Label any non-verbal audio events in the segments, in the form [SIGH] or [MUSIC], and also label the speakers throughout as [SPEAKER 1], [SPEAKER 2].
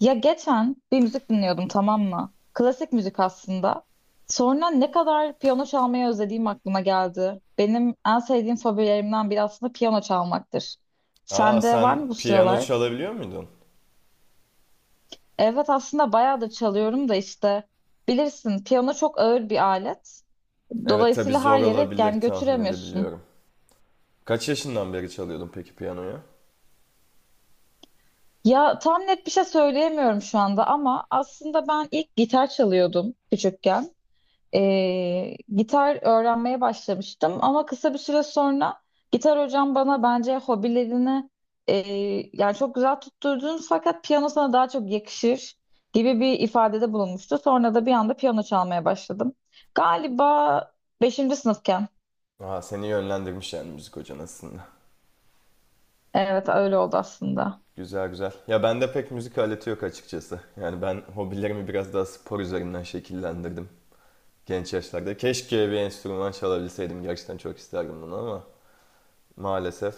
[SPEAKER 1] Ya geçen bir müzik dinliyordum tamam mı? Klasik müzik aslında. Sonra ne kadar piyano çalmayı özlediğim aklıma geldi. Benim en sevdiğim fobilerimden biri aslında piyano çalmaktır.
[SPEAKER 2] Aa,
[SPEAKER 1] Sende var
[SPEAKER 2] sen
[SPEAKER 1] mı bu
[SPEAKER 2] piyano
[SPEAKER 1] sıralar?
[SPEAKER 2] çalabiliyor muydun?
[SPEAKER 1] Evet aslında bayağı da çalıyorum da işte bilirsin piyano çok ağır bir alet.
[SPEAKER 2] Evet, tabii
[SPEAKER 1] Dolayısıyla her
[SPEAKER 2] zor
[SPEAKER 1] yere
[SPEAKER 2] olabilir,
[SPEAKER 1] yani
[SPEAKER 2] tahmin
[SPEAKER 1] götüremiyorsun.
[SPEAKER 2] edebiliyorum. Kaç yaşından beri çalıyordun peki piyanoyu?
[SPEAKER 1] Ya tam net bir şey söyleyemiyorum şu anda ama aslında ben ilk gitar çalıyordum küçükken. Gitar öğrenmeye başlamıştım ama kısa bir süre sonra gitar hocam bana bence hobilerini e, yani çok güzel tutturdun fakat piyano sana daha çok yakışır gibi bir ifadede bulunmuştu. Sonra da bir anda piyano çalmaya başladım. Galiba 5. sınıfken.
[SPEAKER 2] Aa, seni yönlendirmiş yani müzik hocan aslında.
[SPEAKER 1] Evet öyle oldu aslında.
[SPEAKER 2] Güzel güzel. Ya bende pek müzik aleti yok açıkçası. Yani ben hobilerimi biraz daha spor üzerinden şekillendirdim genç yaşlarda. Keşke bir enstrüman çalabilseydim. Gerçekten çok isterdim bunu ama maalesef.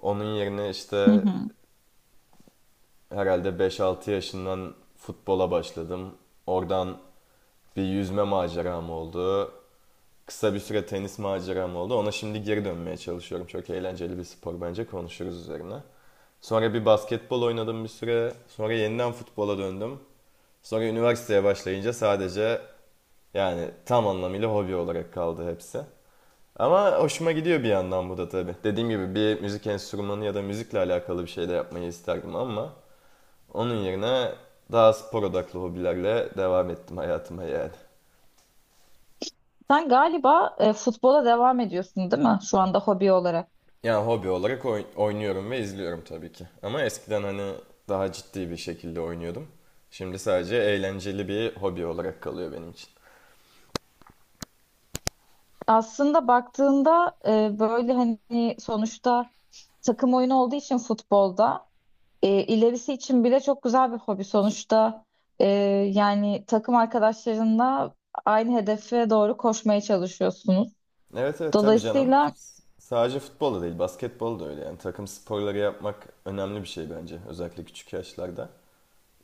[SPEAKER 2] Onun yerine
[SPEAKER 1] Hı
[SPEAKER 2] işte
[SPEAKER 1] hı.
[SPEAKER 2] herhalde beş altı yaşından futbola başladım. Oradan bir yüzme maceram oldu. Kısa bir süre tenis maceram oldu. Ona şimdi geri dönmeye çalışıyorum. Çok eğlenceli bir spor, bence konuşuruz üzerine. Sonra bir basketbol oynadım bir süre. Sonra yeniden futbola döndüm. Sonra üniversiteye başlayınca sadece yani tam anlamıyla hobi olarak kaldı hepsi. Ama hoşuma gidiyor bir yandan bu da tabii. Dediğim gibi bir müzik enstrümanı ya da müzikle alakalı bir şey de yapmayı isterdim ama onun yerine daha spor odaklı hobilerle devam ettim hayatıma yani.
[SPEAKER 1] Sen galiba futbola devam ediyorsun değil mi şu anda hobi olarak?
[SPEAKER 2] Yani hobi olarak oynuyorum ve izliyorum tabii ki. Ama eskiden hani daha ciddi bir şekilde oynuyordum. Şimdi sadece eğlenceli bir hobi olarak kalıyor benim için.
[SPEAKER 1] Aslında baktığında böyle hani sonuçta takım oyunu olduğu için futbolda ilerisi için bile çok güzel bir hobi. Sonuçta e, yani takım arkadaşlarınla aynı hedefe doğru koşmaya çalışıyorsunuz.
[SPEAKER 2] Evet evet, tabii canım.
[SPEAKER 1] Dolayısıyla.
[SPEAKER 2] Sadece futbol da değil, basketbol da öyle yani. Takım sporları yapmak önemli bir şey bence. Özellikle küçük yaşlarda.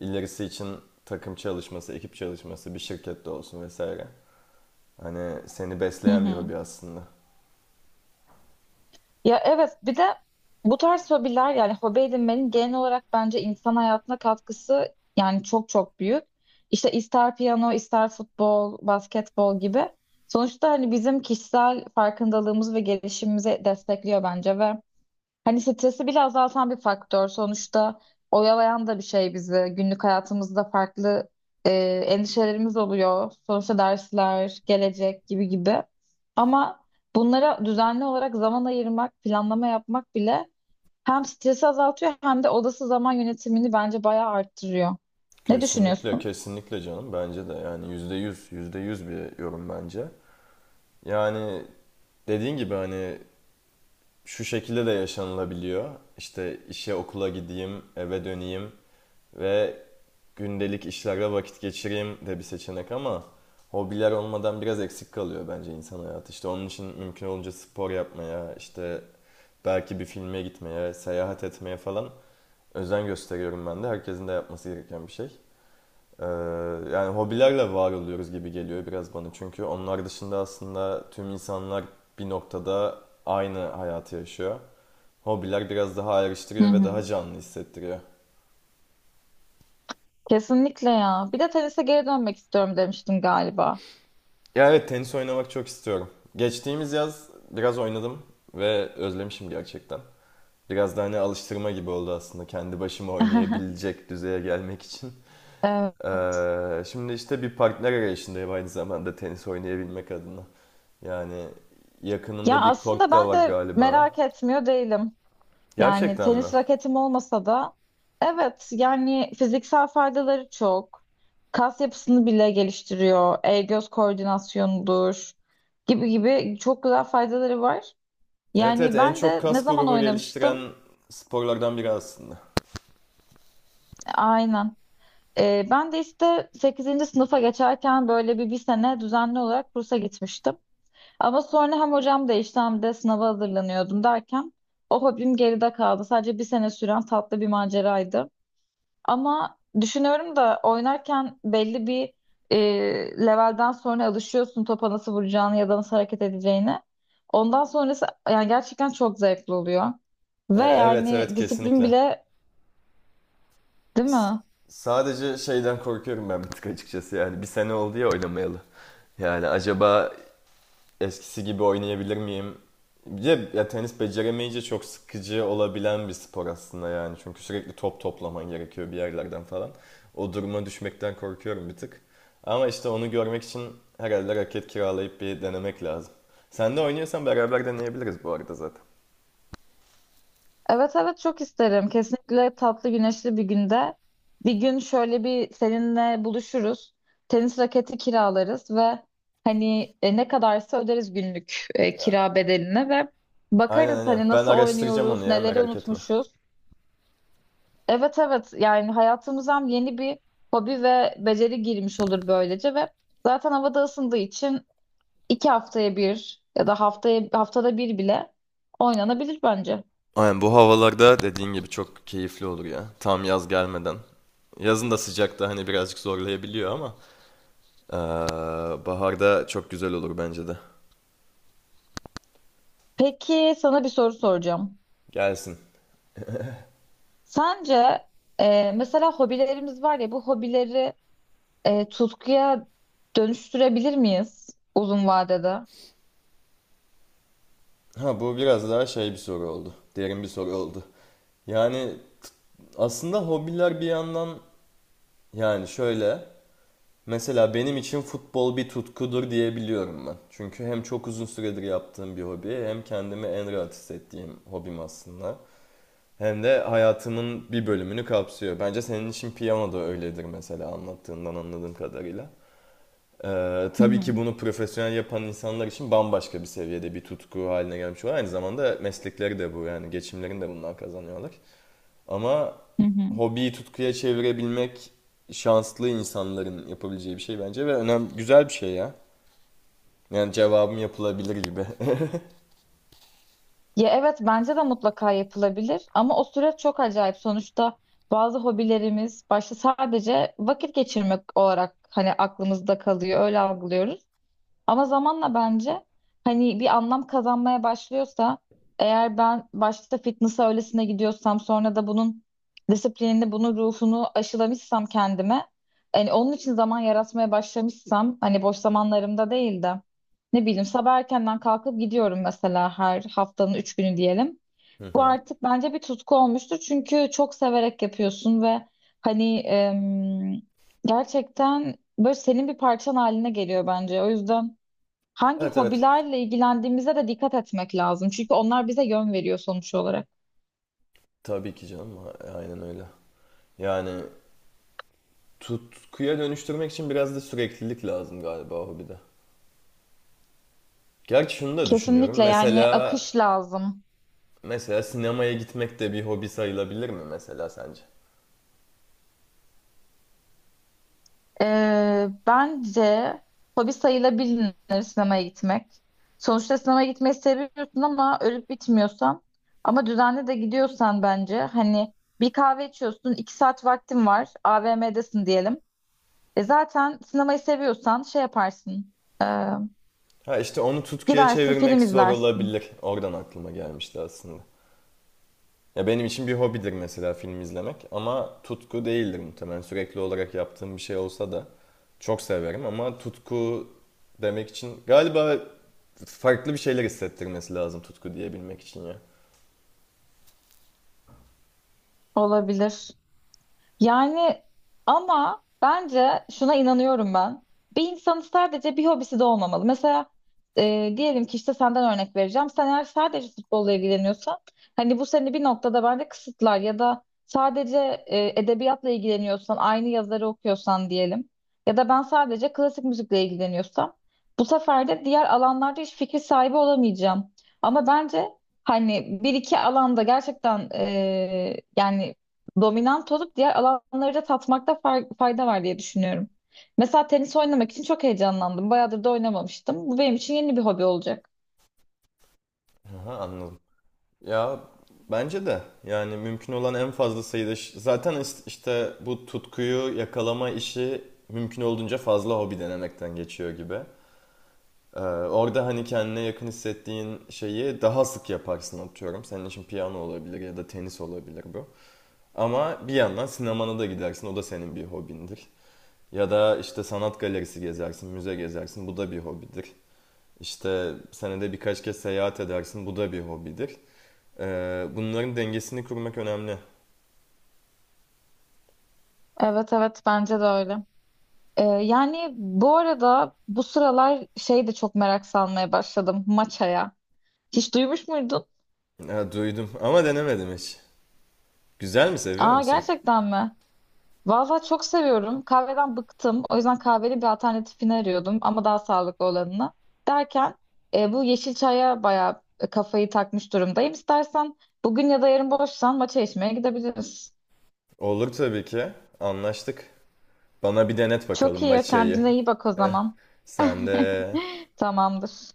[SPEAKER 2] İlerisi için takım çalışması, ekip çalışması, bir şirkette olsun vesaire. Hani seni
[SPEAKER 1] Hı
[SPEAKER 2] besleyen bir
[SPEAKER 1] hı.
[SPEAKER 2] hobi aslında.
[SPEAKER 1] Ya evet bir de bu tarz hobiler yani hobi edinmenin genel olarak bence insan hayatına katkısı yani çok çok büyük. İşte ister piyano, ister futbol, basketbol gibi. Sonuçta hani bizim kişisel farkındalığımız ve gelişimimizi destekliyor bence ve hani stresi bile azaltan bir faktör. Sonuçta oyalayan da bir şey bizi. Günlük hayatımızda farklı e, endişelerimiz oluyor. Sonuçta dersler, gelecek gibi gibi. Ama bunlara düzenli olarak zaman ayırmak, planlama yapmak bile hem stresi azaltıyor hem de odası zaman yönetimini bence bayağı arttırıyor. Ne
[SPEAKER 2] Kesinlikle,
[SPEAKER 1] düşünüyorsun?
[SPEAKER 2] kesinlikle canım. Bence de yani yüzde yüz, yüzde yüz bir yorum bence. Yani dediğin gibi hani şu şekilde de yaşanılabiliyor. İşte işe okula gideyim, eve döneyim ve gündelik işlerle vakit geçireyim de bir seçenek ama hobiler olmadan biraz eksik kalıyor bence insan hayatı. İşte onun için mümkün olunca spor yapmaya, işte belki bir filme gitmeye, seyahat etmeye falan özen gösteriyorum ben de. Herkesin de yapması gereken bir şey. Ee, Yani hobilerle var oluyoruz gibi geliyor biraz bana, çünkü onlar dışında aslında tüm insanlar bir noktada aynı hayatı yaşıyor. Hobiler biraz daha
[SPEAKER 1] Hı
[SPEAKER 2] ayrıştırıyor ve
[SPEAKER 1] hı.
[SPEAKER 2] daha canlı hissettiriyor.
[SPEAKER 1] Kesinlikle ya. Bir de tenise geri dönmek istiyorum demiştim galiba.
[SPEAKER 2] Ya evet, tenis oynamak çok istiyorum. Geçtiğimiz yaz biraz oynadım ve özlemişim gerçekten. Biraz da hani alıştırma gibi oldu aslında kendi başıma
[SPEAKER 1] [LAUGHS]
[SPEAKER 2] oynayabilecek düzeye gelmek için.
[SPEAKER 1] Evet.
[SPEAKER 2] Şimdi işte bir partner arayışındayım aynı zamanda tenis oynayabilmek adına. Yani
[SPEAKER 1] Ya
[SPEAKER 2] yakınında bir
[SPEAKER 1] aslında
[SPEAKER 2] kort da
[SPEAKER 1] ben
[SPEAKER 2] var
[SPEAKER 1] de
[SPEAKER 2] galiba.
[SPEAKER 1] merak etmiyor değilim. Yani
[SPEAKER 2] Gerçekten mi?
[SPEAKER 1] tenis raketim olmasa da evet yani fiziksel faydaları çok. Kas yapısını bile geliştiriyor. El göz koordinasyonudur gibi gibi çok güzel faydaları var.
[SPEAKER 2] Evet evet,
[SPEAKER 1] Yani
[SPEAKER 2] en
[SPEAKER 1] ben
[SPEAKER 2] çok
[SPEAKER 1] de ne
[SPEAKER 2] kas
[SPEAKER 1] zaman
[SPEAKER 2] grubu
[SPEAKER 1] oynamıştım?
[SPEAKER 2] geliştiren sporlardan biri aslında.
[SPEAKER 1] Aynen. Ben de işte 8. sınıfa geçerken böyle bir sene düzenli olarak kursa gitmiştim. Ama sonra hem hocam değişti hem de sınava hazırlanıyordum derken o hobim geride kaldı. Sadece bir sene süren tatlı bir maceraydı. Ama düşünüyorum da oynarken belli bir e, levelden sonra alışıyorsun topa nasıl vuracağını ya da nasıl hareket edeceğini. Ondan sonrası yani gerçekten çok zevkli oluyor. Ve
[SPEAKER 2] Evet
[SPEAKER 1] yani
[SPEAKER 2] evet,
[SPEAKER 1] disiplin
[SPEAKER 2] kesinlikle.
[SPEAKER 1] bile değil mi?
[SPEAKER 2] Sadece şeyden korkuyorum ben bir tık açıkçası yani. Bir sene oldu ya oynamayalı. Yani acaba eskisi gibi oynayabilir miyim? Bir Ya, tenis beceremeyince çok sıkıcı olabilen bir spor aslında yani. Çünkü sürekli top toplaman gerekiyor bir yerlerden falan. O duruma düşmekten korkuyorum bir tık. Ama işte onu görmek için herhalde raket kiralayıp bir denemek lazım. Sen de oynuyorsan beraber deneyebiliriz bu arada zaten.
[SPEAKER 1] Evet evet çok isterim. Kesinlikle tatlı güneşli bir günde. Bir gün şöyle bir seninle buluşuruz. Tenis raketi kiralarız ve hani ne kadarsa öderiz günlük kira bedelini ve
[SPEAKER 2] Aynen
[SPEAKER 1] bakarız
[SPEAKER 2] aynen.
[SPEAKER 1] hani
[SPEAKER 2] Ben
[SPEAKER 1] nasıl
[SPEAKER 2] araştıracağım onu
[SPEAKER 1] oynuyoruz,
[SPEAKER 2] ya,
[SPEAKER 1] neleri
[SPEAKER 2] merak etme.
[SPEAKER 1] unutmuşuz. Evet evet yani hayatımıza hem yeni bir hobi ve beceri girmiş olur böylece ve zaten havada ısındığı için 2 haftaya bir ya da haftaya haftada bir bile oynanabilir bence.
[SPEAKER 2] Aynen, bu havalarda dediğin gibi çok keyifli olur ya. Tam yaz gelmeden. Yazın da sıcakta hani birazcık zorlayabiliyor ama aa, baharda çok güzel olur bence de.
[SPEAKER 1] Peki sana bir soru soracağım.
[SPEAKER 2] Gelsin.
[SPEAKER 1] Sence mesela hobilerimiz var ya bu hobileri tutkuya dönüştürebilir miyiz uzun vadede?
[SPEAKER 2] Ha, bu biraz daha şey bir soru oldu. Derin bir soru oldu. Yani aslında hobiler bir yandan yani şöyle, mesela benim için futbol bir tutkudur diyebiliyorum ben. Çünkü hem çok uzun süredir yaptığım bir hobi, hem kendimi en rahat hissettiğim hobim aslında. Hem de hayatımın bir bölümünü kapsıyor. Bence senin için piyano da öyledir mesela, anlattığından anladığım kadarıyla.
[SPEAKER 1] Hı
[SPEAKER 2] Tabii
[SPEAKER 1] hı,
[SPEAKER 2] ki bunu profesyonel yapan insanlar için bambaşka bir seviyede bir tutku haline gelmiş oluyor. Aynı zamanda meslekleri de bu yani, geçimlerini de bundan kazanıyorlar. Ama
[SPEAKER 1] hı hı.
[SPEAKER 2] hobiyi tutkuya çevirebilmek şanslı insanların yapabileceği bir şey bence ve önemli, güzel bir şey ya. Yani cevabım yapılabilir gibi. [LAUGHS]
[SPEAKER 1] Ya evet bence de mutlaka yapılabilir ama o süreç çok acayip. Sonuçta bazı hobilerimiz başta sadece vakit geçirmek olarak hani aklımızda kalıyor, öyle algılıyoruz. Ama zamanla bence hani bir anlam kazanmaya başlıyorsa eğer ben başta fitness'a öylesine gidiyorsam sonra da bunun disiplinini, bunun ruhunu aşılamışsam kendime hani onun için zaman yaratmaya başlamışsam hani boş zamanlarımda değil de ne bileyim sabah erkenden kalkıp gidiyorum mesela her haftanın 3 günü diyelim.
[SPEAKER 2] Hı
[SPEAKER 1] Bu
[SPEAKER 2] hı.
[SPEAKER 1] artık bence bir tutku olmuştur çünkü çok severek yapıyorsun ve hani gerçekten böyle senin bir parçan haline geliyor bence. O yüzden hangi
[SPEAKER 2] Evet evet.
[SPEAKER 1] hobilerle ilgilendiğimize de dikkat etmek lazım. Çünkü onlar bize yön veriyor sonuç olarak.
[SPEAKER 2] Tabii ki canım. Aynen öyle. Yani tutkuya dönüştürmek için biraz da süreklilik lazım galiba hobide. Gerçi şunu da düşünüyorum.
[SPEAKER 1] Kesinlikle yani
[SPEAKER 2] Mesela
[SPEAKER 1] akış lazım.
[SPEAKER 2] Mesela sinemaya gitmek de bir hobi sayılabilir mi mesela sence?
[SPEAKER 1] Bence hobi sayılabilir sinemaya gitmek. Sonuçta sinemaya gitmeyi seviyorsun ama ölüp bitmiyorsan ama düzenli de gidiyorsan bence hani bir kahve içiyorsun, 2 saat vaktin var, AVM'desin diyelim. E zaten sinemayı seviyorsan şey yaparsın, e,
[SPEAKER 2] Ha, işte onu tutkuya
[SPEAKER 1] gidersin
[SPEAKER 2] çevirmek
[SPEAKER 1] film
[SPEAKER 2] zor
[SPEAKER 1] izlersin.
[SPEAKER 2] olabilir. Oradan aklıma gelmişti aslında. Ya, benim için bir hobidir mesela film izlemek ama tutku değildir muhtemelen. Sürekli olarak yaptığım bir şey olsa da çok severim ama tutku demek için galiba farklı bir şeyler hissettirmesi lazım, tutku diyebilmek için ya.
[SPEAKER 1] Olabilir. Yani ama bence şuna inanıyorum ben. Bir insanın sadece bir hobisi de olmamalı. Mesela diyelim ki işte senden örnek vereceğim. Sen eğer sadece futbolla ilgileniyorsan hani bu seni bir noktada bence kısıtlar ya da sadece edebiyatla ilgileniyorsan aynı yazarı okuyorsan diyelim ya da ben sadece klasik müzikle ilgileniyorsam bu sefer de diğer alanlarda hiç fikir sahibi olamayacağım. Ama bence hani bir iki alanda gerçekten yani dominant olup diğer alanları da tatmakta fayda var diye düşünüyorum. Mesela tenis oynamak için çok heyecanlandım. Bayağıdır da oynamamıştım. Bu benim için yeni bir hobi olacak.
[SPEAKER 2] Aha, anladım. Ya bence de yani mümkün olan en fazla sayıda işte bu tutkuyu yakalama işi mümkün olduğunca fazla hobi denemekten geçiyor gibi. Ee, Orada hani kendine yakın hissettiğin şeyi daha sık yaparsın, atıyorum. Senin için piyano olabilir ya da tenis olabilir bu. Ama bir yandan sinemana da gidersin. O da senin bir hobindir. Ya da işte sanat galerisi gezersin, müze gezersin. Bu da bir hobidir. İşte senede birkaç kez seyahat edersin. Bu da bir hobidir. Bunların dengesini kurmak önemli.
[SPEAKER 1] Evet evet bence de öyle. Yani bu arada bu sıralar şey de çok merak salmaya başladım maçaya. Hiç duymuş muydun?
[SPEAKER 2] Ha, duydum ama denemedim hiç. Güzel mi, seviyor
[SPEAKER 1] Aa
[SPEAKER 2] musun?
[SPEAKER 1] gerçekten mi? Valla çok seviyorum. Kahveden bıktım. O yüzden kahveli bir alternatifini arıyordum ama daha sağlıklı olanını. Derken bu yeşil çaya bayağı kafayı takmış durumdayım. İstersen bugün ya da yarın boşsan maça içmeye gidebiliriz.
[SPEAKER 2] Olur tabii ki. Anlaştık. Bana bir denet bakalım
[SPEAKER 1] Çok iyi.
[SPEAKER 2] maçayı.
[SPEAKER 1] Kendine iyi bak o
[SPEAKER 2] Eh,
[SPEAKER 1] zaman.
[SPEAKER 2] sen de
[SPEAKER 1] [LAUGHS] Tamamdır.